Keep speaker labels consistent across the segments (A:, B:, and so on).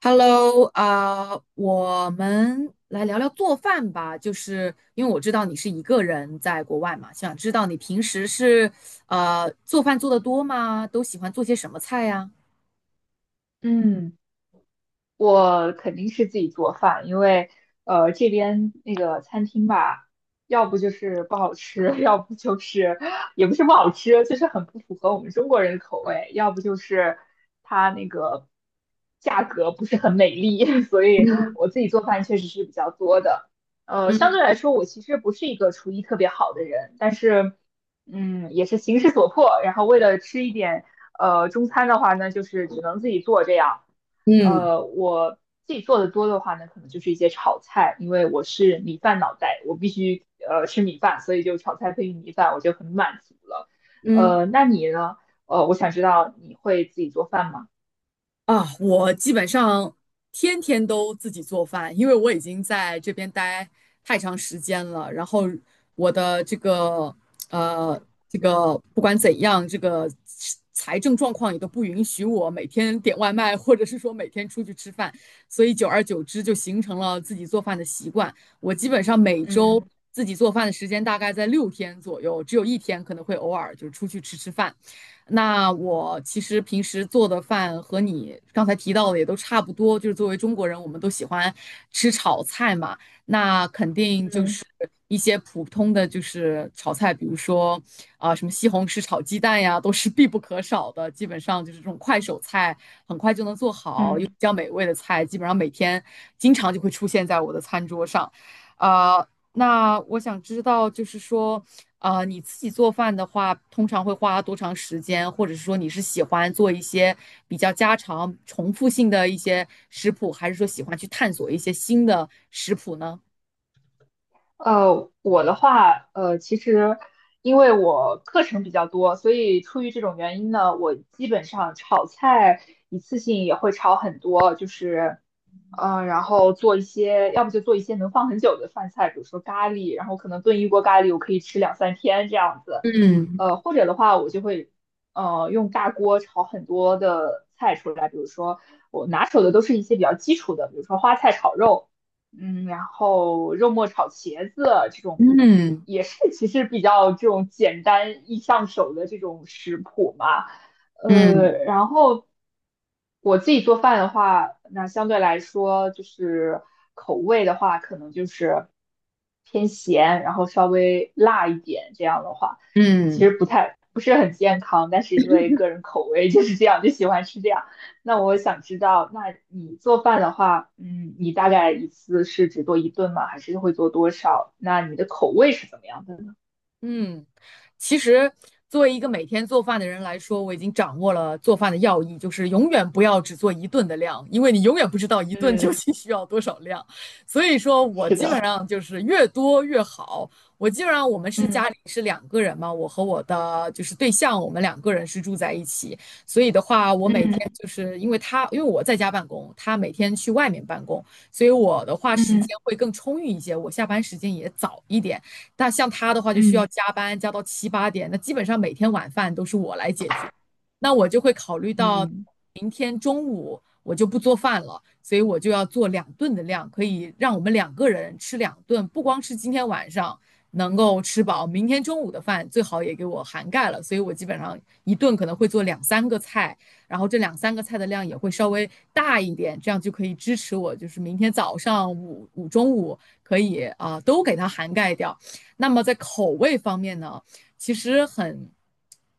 A: Hello，啊、我们来聊聊做饭吧。就是因为我知道你是一个人在国外嘛，想知道你平时是做饭做得多吗？都喜欢做些什么菜呀？
B: 嗯，我肯定是自己做饭，因为这边那个餐厅吧，要不就是不好吃，要不就是也不是不好吃，就是很不符合我们中国人的口味，要不就是它那个价格不是很美丽，所以
A: 嗯
B: 我自己做饭确实是比较多的。相对
A: 嗯
B: 来说，我其实不是一个厨艺特别好的人，但是也是形势所迫，然后为了吃一点中餐的话呢，就是只能自己做这样。
A: 嗯
B: 我自己做的多的话呢，可能就是一些炒菜，因为我是米饭脑袋，我必须吃米饭，所以就炒菜配米饭，我就很满足了。
A: 嗯，
B: 那你呢？我想知道你会自己做饭吗？
A: 啊，我基本上天天都自己做饭，因为我已经在这边待太长时间了。然后我的这个呃，这个不管怎样，这个财政状况也都不允许我每天点外卖，或者是说每天出去吃饭。所以久而久之就形成了自己做饭的习惯。我基本上每周
B: 嗯
A: 自己做饭的时间大概在6天左右，只有一天可能会偶尔就是出去吃吃饭。那我其实平时做的饭和你刚才提到的也都差不多，就是作为中国人，我们都喜欢吃炒菜嘛。那肯定就
B: 嗯
A: 是一些普通的就是炒菜，比如说啊、什么西红柿炒鸡蛋呀，都是必不可少的。基本上就是这种快手菜，很快就能做好又比
B: 嗯。
A: 较美味的菜，基本上每天经常就会出现在我的餐桌上。啊，那我想知道，就是说，啊、你自己做饭的话，通常会花多长时间？或者是说你是喜欢做一些比较家常、重复性的一些食谱，还是说喜欢去探索一些新的食谱呢？
B: 我的话，其实因为我课程比较多，所以出于这种原因呢，我基本上炒菜一次性也会炒很多，就是然后做一些，要不就做一些能放很久的饭菜，比如说咖喱，然后可能炖一锅咖喱，我可以吃两三天这样子。
A: 嗯
B: 或者的话，我就会用大锅炒很多的菜出来，比如说我拿手的都是一些比较基础的，比如说花菜炒肉，然后肉末炒茄子啊这种，
A: 嗯
B: 也是其实比较这种简单易上手的这种食谱嘛。
A: 嗯
B: 然后我自己做饭的话，那相对来说就是口味的话，可能就是偏咸，然后稍微辣一点。这样的话，其
A: 嗯。
B: 实不太不是很健康，但是因为个人口味就是这样，就喜欢吃这样。那我想知道，那你做饭的话，你大概一次是只做一顿吗？还是会做多少？那你的口味是怎么样的呢？
A: 嗯，其实作为一个每天做饭的人来说，我已经掌握了做饭的要义，就是永远不要只做一顿的量，因为你永远不知道一顿究
B: 嗯，
A: 竟需要多少量。所以说我
B: 是
A: 基本
B: 的，
A: 上就是越多越好。我基本上我们是
B: 嗯
A: 家里是两个人嘛，我和我的就是对象，我们两个人是住在一起，所以的话，我每天
B: 嗯
A: 就是因为他，因为我在家办公，他每天去外面办公，所以我的话时间
B: 嗯
A: 会更充裕一些，我下班时间也早一点。那像他的话就需要
B: 嗯。
A: 加班，加到7、8点，那基本上每天晚饭都是我来解决。那我就会考虑到
B: 嗯
A: 我就不做饭了，所以我就要做两顿的量，可以让我们两个人吃两顿，不光是今天晚上能够吃饱，明天中午的饭最好也给我涵盖了。所以我基本上一顿可能会做两三个菜，然后这两三个菜的量也会稍微大一点，这样就可以支持我，就是明天早上、中午可以啊、都给它涵盖掉。那么在口味方面呢，其实很。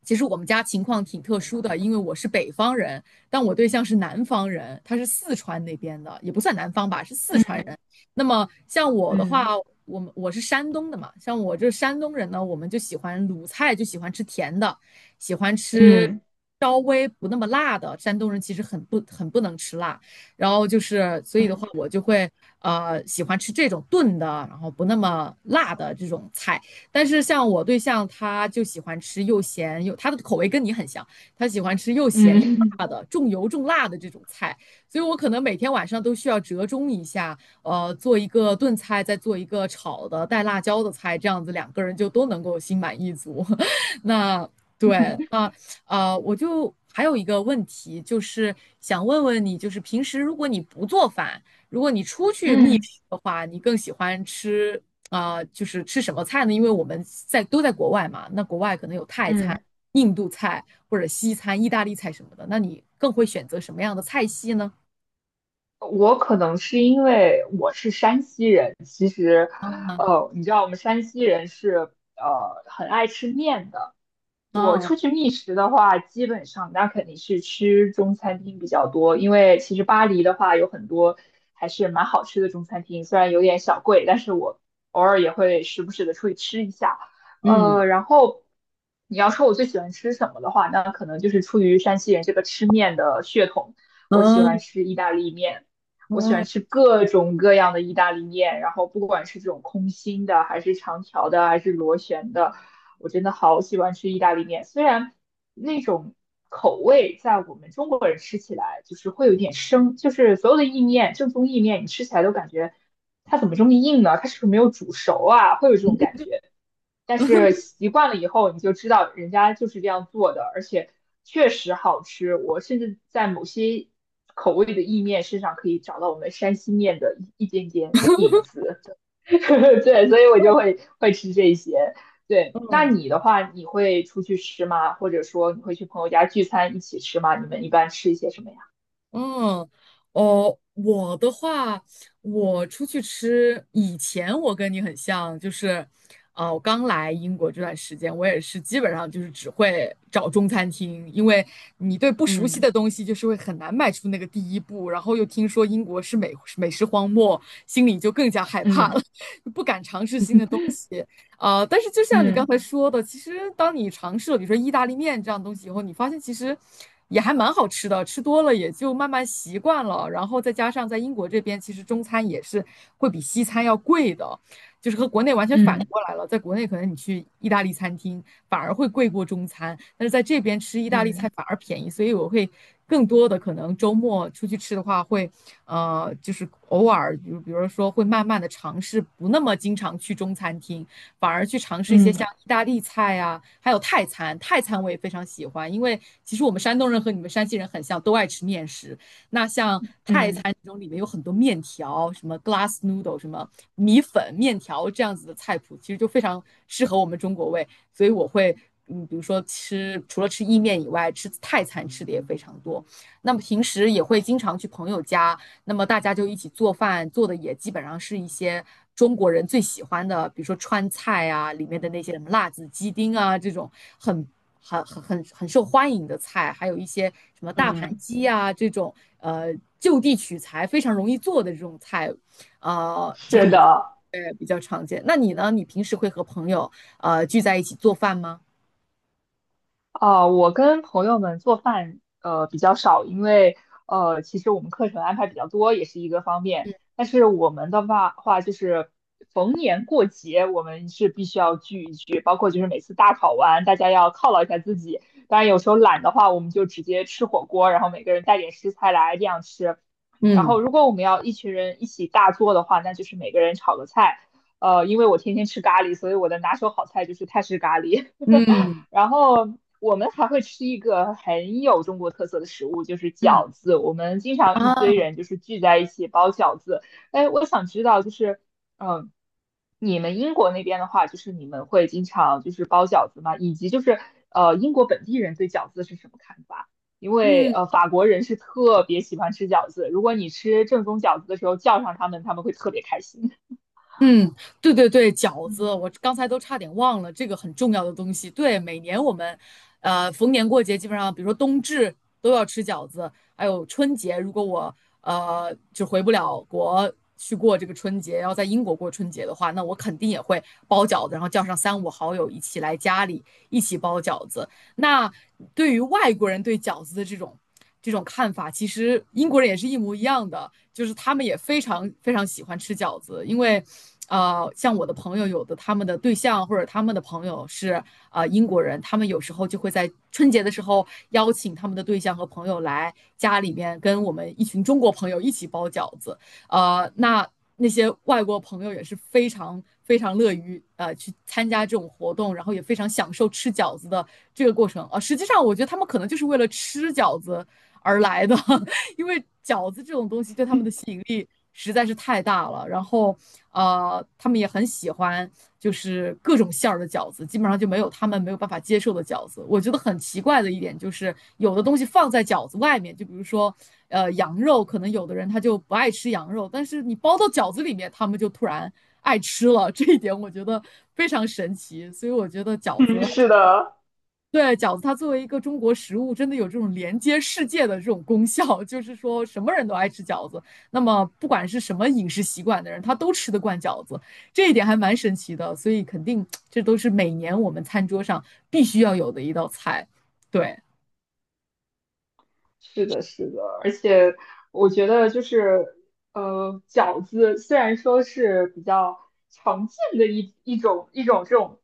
A: 其实我们家情况挺特殊的，因为我是北方人，但我对象是南方人，他是四川那边的，也不算南方吧，是四川
B: 嗯
A: 人。那么像我的话，
B: 嗯
A: 我们我是山东的嘛，像我这山东人呢，我们就喜欢鲁菜，就喜欢吃甜的，喜欢吃
B: 嗯
A: 稍微不那么辣的。山东人其实很不能吃辣，然后就是所以的
B: 嗯
A: 话，我就会喜欢吃这种炖的，然后不那么辣的这种菜。但是像我对象，他就喜欢吃又咸又，他的口味跟你很像。他喜欢吃又咸又
B: 嗯
A: 辣的、重油重辣的这种菜，所以我可能每天晚上都需要折中一下，做一个炖菜，再做一个炒的带辣椒的菜，这样子两个人就都能够心满意足。那对，啊我就还有一个问题，就是想问问你，就是平时如果你不做饭，如果你出去觅
B: 嗯
A: 食的话，你更喜欢吃啊、就是吃什么菜呢？因为我们在都在国外嘛，那国外可能有泰餐。
B: 嗯，
A: 印度菜或者西餐、意大利菜什么的，那你更会选择什么样的菜系呢？
B: 我可能是因为我是山西人，其实，你知道我们山西人是很爱吃面的，我
A: 啊，
B: 出去觅食的话，基本上那肯定是吃中餐厅比较多，因为其实巴黎的话有很多还是蛮好吃的中餐厅，虽然有点小贵，但是我偶尔也会时不时的出去吃一下。
A: 嗯，
B: 然后你要说我最喜欢吃什么的话，那可能就是出于山西人这个吃面的血统，我喜
A: 嗯，
B: 欢
A: 嗯，
B: 吃意大利面，我喜欢
A: 嗯。
B: 吃各种各样的意大利面，然后不管是这种空心的，还是长条的，还是螺旋的。我真的好喜欢吃意大利面，虽然那种口味在我们中国人吃起来就是会有点生，就是所有的意面，正宗意面，你吃起来都感觉它怎么这么硬呢？它是不是没有煮熟啊？会有这种感觉。但
A: 嗯嗯
B: 是 习惯了以后，你就知道人家就是这样做的，而且确实好吃。我甚至在某些口味的意面身上可以找到我们山西面的一点点影子。对，所以我就会吃这些。对，那你的话，你会出去吃吗？或者说你会去朋友家聚餐一起吃吗？你们一般吃一些什么呀？
A: 嗯，哦，我的话，我出去吃，以前我跟你很像，就是，我刚来英国这段时间，我也是基本上就是只会找中餐厅，因为你对不熟悉
B: 嗯
A: 的东西就是会很难迈出那个第一步，然后又听说英国是美食荒漠，心里就更加害怕
B: 嗯
A: 了，不敢尝试新的。呃，但是就像你刚
B: 嗯
A: 才说的，其实当你尝试了比如说意大利面这样东西以后，你发现其实也还蛮好吃的，吃多了也就慢慢习惯了。然后再加上在英国这边，其实中餐也是会比西餐要贵的，就是和国内完全反
B: 嗯
A: 过来了。在国内可能你去意大利餐厅反而会贵过中餐，但是在这边吃意大利菜
B: 嗯
A: 反而便宜，所以我会更多的可能周末出去吃的话会。就是偶尔，比如说会慢慢的尝试，不那么经常去中餐厅，反而去尝试一些
B: 嗯
A: 像意大利菜啊，还有泰餐。泰餐我也非常喜欢，因为其实我们山东人和你们山西人很像，都爱吃面食。那像泰
B: 嗯，
A: 餐中里面有很多面条，什么 glass noodle，什么米粉、面条这样子的菜谱，其实就非常适合我们中国胃。所以我会，嗯，比如说吃除了吃意面以外，吃泰餐吃的也非常多。那么平时也会经常去朋友家。那么大家就一起做饭，做的也基本上是一些中国人最喜欢的，比如说川菜啊，里面的那些什么辣子鸡丁啊，这种很很受欢迎的菜，还有一些什么大盘
B: 嗯，
A: 鸡啊这种，就地取材非常容易做的这种菜，就
B: 是
A: 会比较
B: 的，
A: 对比较常见。那你呢？你平时会和朋友聚在一起做饭吗？
B: 我跟朋友们做饭比较少，因为其实我们课程安排比较多，也是一个方面。但是我们的话就是逢年过节，我们是必须要聚一聚，包括就是每次大考完，大家要犒劳一下自己。当然有时候懒的话，我们就直接吃火锅，然后每个人带点食材来这样吃。然
A: 嗯
B: 后如果我们要一群人一起大做的话，那就是每个人炒个菜。因为我天天吃咖喱，所以我的拿手好菜就是泰式咖喱。
A: 嗯
B: 然后我们还会吃一个很有中国特色的食物，就是
A: 嗯。
B: 饺子。我们经常一
A: 啊，
B: 堆人就是聚在一起包饺子。哎，我想知道，就是嗯，你们英国那边的话，就是你们会经常就是包饺子吗？以及就是英国本地人对饺子是什么看法？因为
A: 嗯。
B: 法国人是特别喜欢吃饺子，如果你吃正宗饺子的时候叫上他们，他们会特别开心。
A: 嗯，对对对，饺
B: 嗯，
A: 子，我刚才都差点忘了这个很重要的东西。对，每年我们，逢年过节基本上，比如说冬至都要吃饺子，还有春节，如果我就回不了国去过这个春节，要在英国过春节的话，那我肯定也会包饺子，然后叫上三五好友一起来家里一起包饺子。那对于外国人对饺子的这种看法，其实英国人也是一模一样的，就是他们也非常非常喜欢吃饺子，因为。像我的朋友，有的他们的对象或者他们的朋友是英国人，他们有时候就会在春节的时候邀请他们的对象和朋友来家里面跟我们一群中国朋友一起包饺子，那那些外国朋友也是非常非常乐于去参加这种活动，然后也非常享受吃饺子的这个过程啊、实际上，我觉得他们可能就是为了吃饺子而来的，因为饺子这种东西对他们的吸引力实在是太大了。然后，他们也很喜欢，就是各种馅儿的饺子，基本上就没有他们没有办法接受的饺子。我觉得很奇怪的一点就是，有的东西放在饺子外面，就比如说，羊肉，可能有的人他就不爱吃羊肉，但是你包到饺子里面，他们就突然爱吃了。这一点我觉得非常神奇，所以我觉得饺子
B: 嗯是的，
A: 对，饺子它作为一个中国食物，真的有这种连接世界的这种功效，就是说什么人都爱吃饺子。那么不管是什么饮食习惯的人，他都吃得惯饺子，这一点还蛮神奇的。所以肯定这都是每年我们餐桌上必须要有的一道菜。对，
B: 是的，是的，而且我觉得就是，饺子虽然说是比较常见的一种这种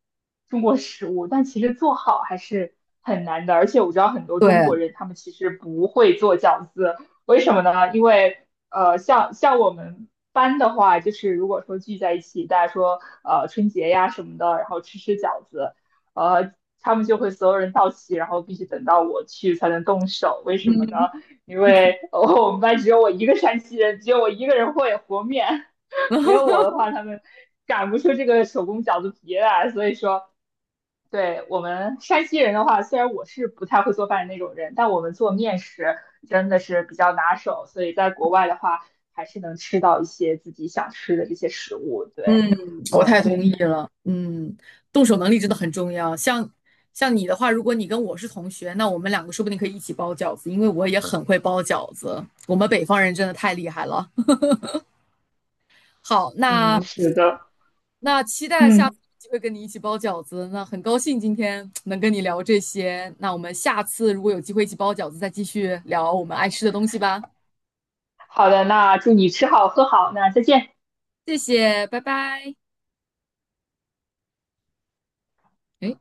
B: 中国食物，但其实做好还是很难的。而且我知道很多中
A: 对
B: 国人他们其实不会做饺子，为什么呢？因为像我们班的话，就是如果说聚在一起，大家说春节呀什么的，然后吃饺子。呃，他们就会所有人到齐，然后必须等到我去才能动手。为 什么呢？
A: 嗯，
B: 因为哦，我们班只有我一个山西人，只有我一个人会和面，没有我的话，他们擀不出这个手工饺子皮来。所以说，对我们山西人的话，虽然我是不太会做饭的那种人，但我们做面食真的是比较拿手，所以在国外的话，还是能吃到一些自己想吃的这些食物。对，
A: 我太
B: 所
A: 同
B: 以
A: 意了。嗯，动手能力真的很重要。像你的话，如果你跟我是同学，那我们两个说不定可以一起包饺子，因为我也很会包饺子。我们北方人真的太厉害了。好，那
B: 嗯，是的，
A: 那期待下次
B: 嗯。
A: 有机会跟你一起包饺子。那很高兴今天能跟你聊这些。那我们下次如果有机会一起包饺子，再继续聊我们爱吃的东西吧。
B: 好的，那祝你吃好喝好，那再见。
A: 谢谢，拜拜。诶